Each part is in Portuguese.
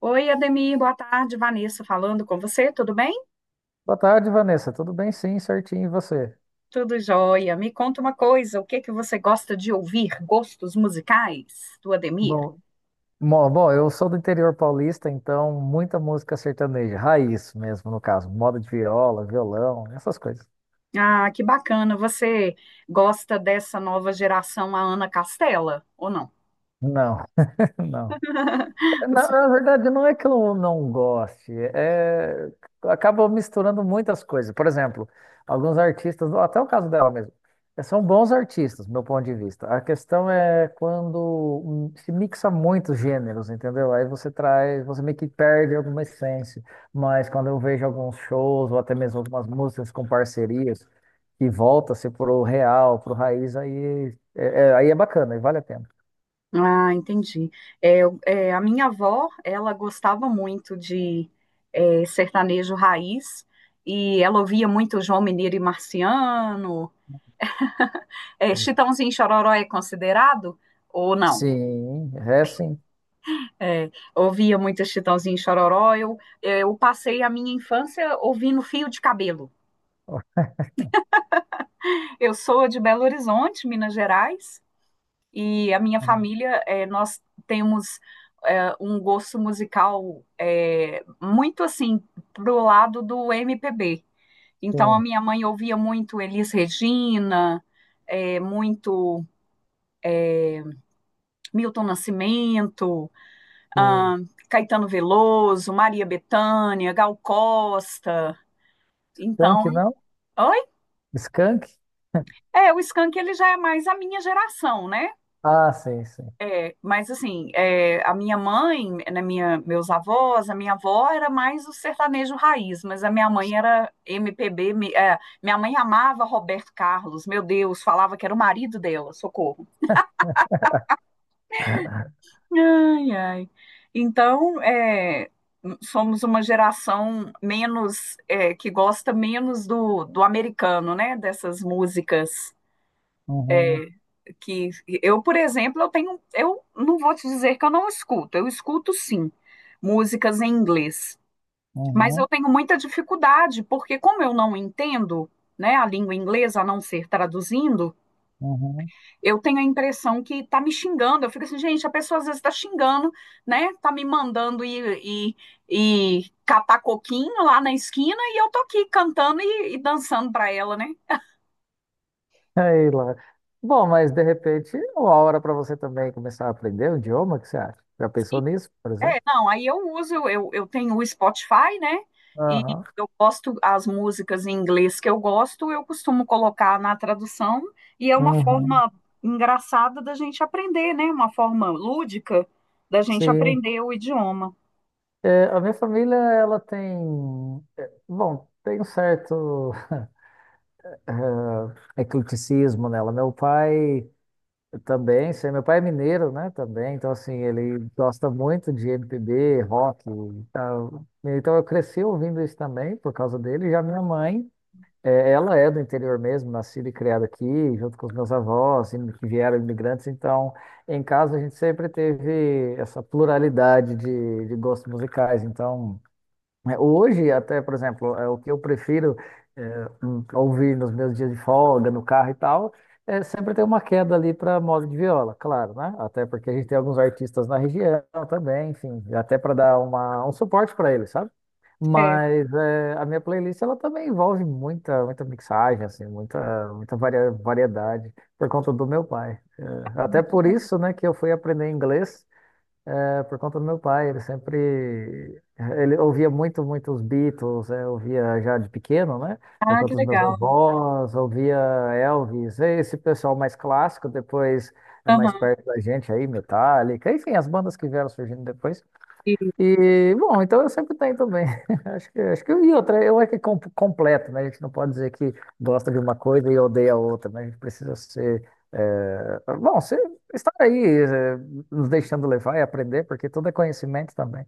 Oi, Ademir, boa tarde. Vanessa falando com você, tudo bem? Boa tarde, Vanessa. Tudo bem? Sim, certinho. E você? Tudo jóia. Me conta uma coisa, o que que você gosta de ouvir? Gostos musicais do Ademir? Bom, bom, eu sou do interior paulista, então muita música sertaneja, raiz mesmo, no caso, moda de viola, violão, essas coisas. Ah, que bacana. Você gosta dessa nova geração, a Ana Castela, ou não? Não, não. Na verdade, não é que eu não goste, acaba misturando muitas coisas. Por exemplo, alguns artistas, até o caso dela mesmo, são bons artistas, do meu ponto de vista. A questão é quando se mixa muitos gêneros, entendeu? Aí você traz, você meio que perde alguma essência. Mas quando eu vejo alguns shows, ou até mesmo algumas músicas com parcerias, que volta-se pro real, pro raiz, aí é bacana, e vale a pena. Ah, entendi. A minha avó, ela gostava muito de sertanejo raiz e ela ouvia muito João Mineiro e Marciano. É, Chitãozinho e Chororó é considerado ou não? Sim, é sim. É, ouvia muito Chitãozinho e Chororó. Eu passei a minha infância ouvindo Fio de Cabelo. Eu sou de Belo Horizonte, Minas Gerais, e a minha Sim, família, é, nós temos um gosto musical muito assim pro lado do MPB. Então a minha mãe ouvia muito Elis Regina, é, muito Milton Nascimento, sim. ah, Caetano Veloso, Maria Bethânia, Gal Costa. Então Skank não? Oi? Skank? É, o Skank ele já é mais a minha geração, né? Ah, sei, sei. É, mas assim, é, a minha mãe, meus avós, a minha avó era mais o sertanejo raiz, mas a minha mãe era MPB, minha mãe amava Roberto Carlos, meu Deus, falava que era o marido dela, socorro. Ai, ai. Então, é, somos uma geração menos, é, que gosta menos do americano, né? Dessas músicas. Uhum, É, que eu, por exemplo, eu tenho, eu não vou te dizer que eu não escuto, eu escuto sim músicas em inglês, mas eu uhum, tenho muita dificuldade, porque como eu não entendo, né, a língua inglesa, a não ser traduzindo, uhum. eu tenho a impressão que tá me xingando. Eu fico assim, gente, a pessoa às vezes tá xingando, né? Tá me mandando ir catar coquinho lá na esquina e eu tô aqui cantando e dançando para ela, né? Aí lá. Bom, mas de repente, é uma hora para você também começar a aprender o idioma, o que você acha? Já pensou nisso, por exemplo? É, não, aí eu uso, eu tenho o Spotify, né? E Aham. eu gosto, as músicas em inglês que eu gosto, eu costumo colocar na tradução, e é uma Uhum. forma engraçada da gente aprender, né? Uma forma lúdica da gente Sim. aprender o idioma. É, a minha família, ela tem. Bom, tem um certo ecleticismo nela. Meu pai. Eu também, sei, meu pai é mineiro, né, também, então assim, ele gosta muito de MPB, rock, e tal. Então eu cresci ouvindo isso também por causa dele, já minha mãe, ela é do interior mesmo, nascida e criada aqui, junto com os meus avós, que vieram imigrantes, então em casa a gente sempre teve essa pluralidade de gostos musicais, então... É, hoje, até, por exemplo, é, o que eu prefiro ouvir nos meus dias de folga, no carro e tal, é sempre ter uma queda ali para moda de viola, claro, né? Até porque a gente tem alguns artistas na região também, enfim, até para dar uma, um suporte para eles, sabe? É, que Mas é, a minha playlist ela também envolve muita, muita mixagem, assim, muita, variedade por conta do meu pai. Até por bacana, isso, né, que eu fui aprender inglês é, por conta do meu pai, ele ouvia muito, muito os Beatles, é, ouvia já de pequeno, né? Por ah, que conta dos meus legal. avós, ouvia Elvis, é, esse pessoal mais clássico, depois é mais Aham. perto da gente aí, Metallica, enfim, as bandas que vieram surgindo depois. E- E, bom, então eu sempre tenho também. Acho que e outra, eu é que com- completo, né? A gente não pode dizer que gosta de uma coisa e odeia a outra, né? A gente precisa ser, ser, estar aí, nos deixando levar e aprender, porque tudo é conhecimento também.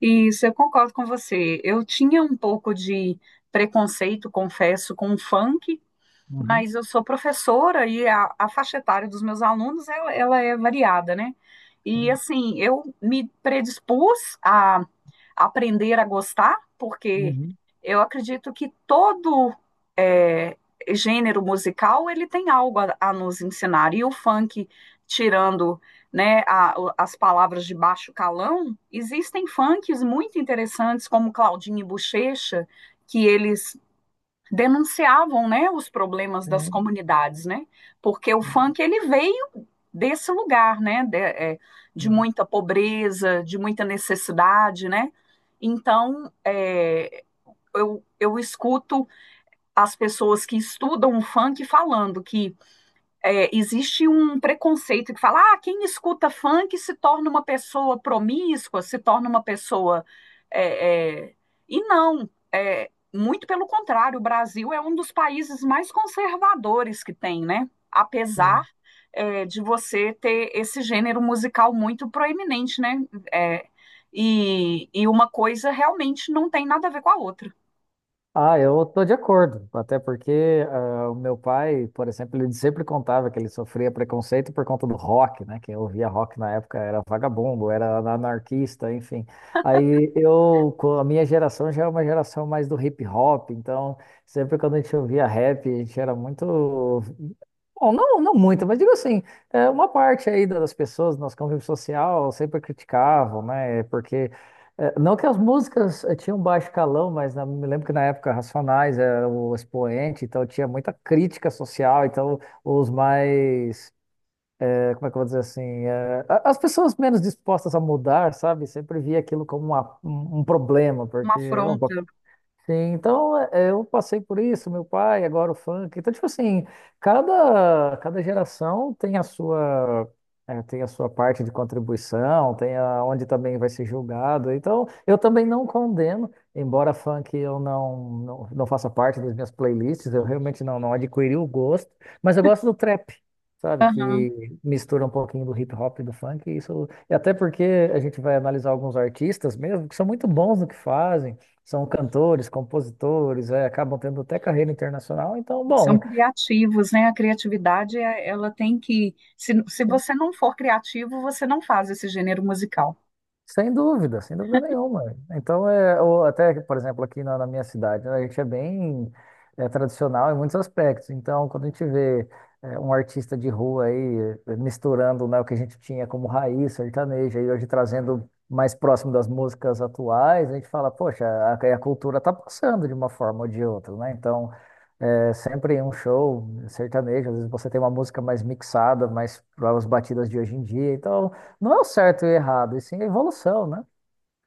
Isso, eu concordo com você. Eu tinha um pouco de preconceito, confesso, com o funk, Uhum, mas eu sou professora e a faixa etária dos meus alunos ela é variada, né? E sim, assim, eu me predispus a aprender a gostar, porque uhum, eu acredito que todo é, gênero musical ele tem algo a nos ensinar. E o funk, tirando, né, as palavras de baixo calão, existem funks muito interessantes, como Claudinho e Buchecha, que eles denunciavam, né, os problemas das sim, comunidades, né? Porque o funk ele veio desse lugar, né, de, é, de sim, muita pobreza, de muita necessidade, né? Então, é, eu escuto as pessoas que estudam o funk falando que existe um preconceito que fala, ah, quem escuta funk se torna uma pessoa promíscua, se torna uma pessoa. é, é, E não, é, muito pelo contrário, o Brasil é um dos países mais conservadores que tem, né? Apesar, sim. é, de você ter esse gênero musical muito proeminente, né? É, e uma coisa realmente não tem nada a ver com a outra, Ah, eu tô de acordo, até porque ah, o meu pai, por exemplo, ele sempre contava que ele sofria preconceito por conta do rock, né? Quem ouvia rock na época era vagabundo, era anarquista, enfim. Aí eu, com a minha geração já é uma geração mais do hip hop, então sempre quando a gente ouvia rap, a gente era muito bom, não, não muito, mas digo assim, é, uma parte aí das pessoas do nosso convívio social sempre criticavam, né? Porque é, não que as músicas tinham baixo calão, mas me lembro que na época Racionais era o expoente, então tinha muita crítica social, então os mais, eh, como é que eu vou dizer assim, eh, as pessoas menos dispostas a mudar, sabe, sempre via aquilo como um problema, uma porque ó, afronta. sim, então eh, eu passei por isso, meu pai, agora o funk. Então, tipo assim, cada geração tem a sua, eh, tem a sua parte de contribuição, tem a, onde também vai ser julgado. Então, eu também não condeno, embora funk eu não, não, não faça parte das minhas playlists, eu realmente não, não adquiri o gosto, mas eu gosto do trap. Sabe, Aham. que mistura um pouquinho do hip hop e do funk, e isso, e até porque a gente vai analisar alguns artistas mesmo, que são muito bons no que fazem, são cantores, compositores, é, acabam tendo até carreira internacional. Então, São bom, criativos, né? A criatividade, é- ela tem que. Se você não for criativo, você não faz esse gênero musical. sem dúvida, sem dúvida nenhuma. Então, é, ou até, por exemplo, aqui na minha cidade, né, a gente é bem é, tradicional em muitos aspectos. Então, quando a gente vê é, um artista de rua aí eh, misturando, né, o que a gente tinha como raiz sertaneja e hoje trazendo mais próximo das músicas atuais, a gente fala, poxa, a cultura está passando de uma forma ou de outra, né? Então, é sempre em um show sertanejo, às vezes você tem uma música mais mixada, mais para as batidas de hoje em dia. Então, não é o certo e o errado, e sim a evolução, né?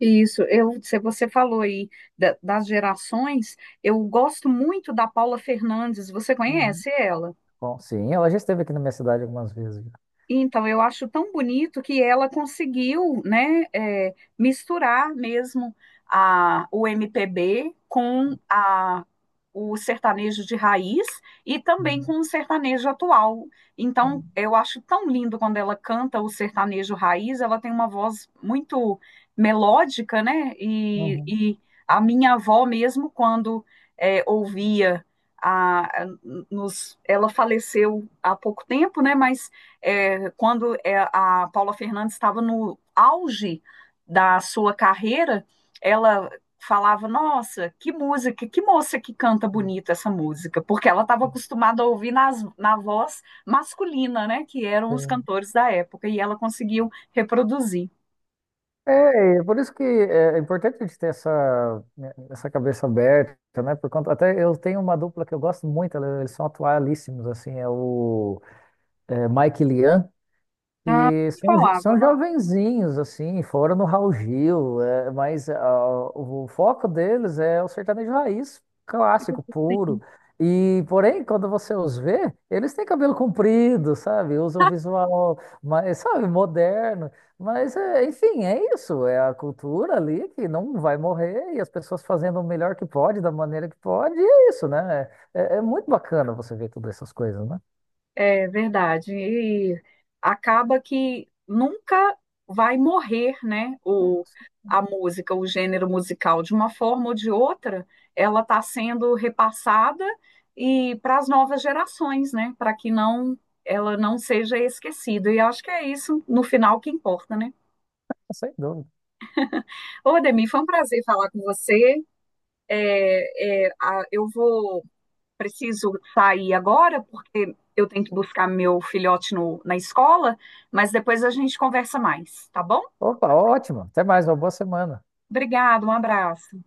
Isso, eu, se você falou aí das gerações, eu gosto muito da Paula Fernandes. Você Uhum, conhece ela? bom, sim, ela já esteve aqui na minha cidade algumas vezes. Então, eu acho tão bonito que ela conseguiu, né, é, misturar mesmo o MPB com o sertanejo de raiz e também Uhum, com o sertanejo atual. Então, eu acho tão lindo quando ela canta o sertanejo raiz, ela tem uma voz muito melódica, né? Uhum, E a minha avó mesmo, quando é, ouvia a, a- nos, ela faleceu há pouco tempo, né? Mas é, quando é, a Paula Fernandes estava no auge da sua carreira, ela falava: Nossa, que música, que moça que canta uhum, bonito essa música, porque ela estava acostumada a ouvir nas, na voz masculina, né, que eram os sim. cantores da época, e ela conseguiu reproduzir. É, e é por isso que é importante a gente ter essa, é, essa cabeça aberta, né? Por conta, até eu tenho uma dupla que eu gosto muito, eles são atualíssimos, assim, é o é, Mike Lian Ah, e são, falava, são jovenzinhos, assim, foram no Raul Gil, é, mas ah, o foco deles é o sertanejo raiz, clássico, nossa, puro. E, porém, quando você os vê, eles têm cabelo comprido, sabe? Usam visual mais, sabe, moderno. Mas, é, enfim, é isso. É a cultura ali que não vai morrer e as pessoas fazendo o melhor que pode, da maneira que pode, e é isso, né? É, é muito bacana você ver todas essas coisas, né? É verdade. E acaba que nunca vai morrer, né? O, a música, o gênero musical, de uma forma ou de outra, ela está sendo repassada e para as novas gerações, né? Para que não ela não seja esquecida. E acho que é isso, no final, que importa, né? Ah, sem dúvida. Ô, Ademir, foi um prazer falar com você. É, é, a- eu vou preciso sair agora, porque eu tenho que buscar meu filhote na escola, mas depois a gente conversa mais, tá bom? Opa, ótimo. Até mais, uma boa semana. Obrigada, um abraço.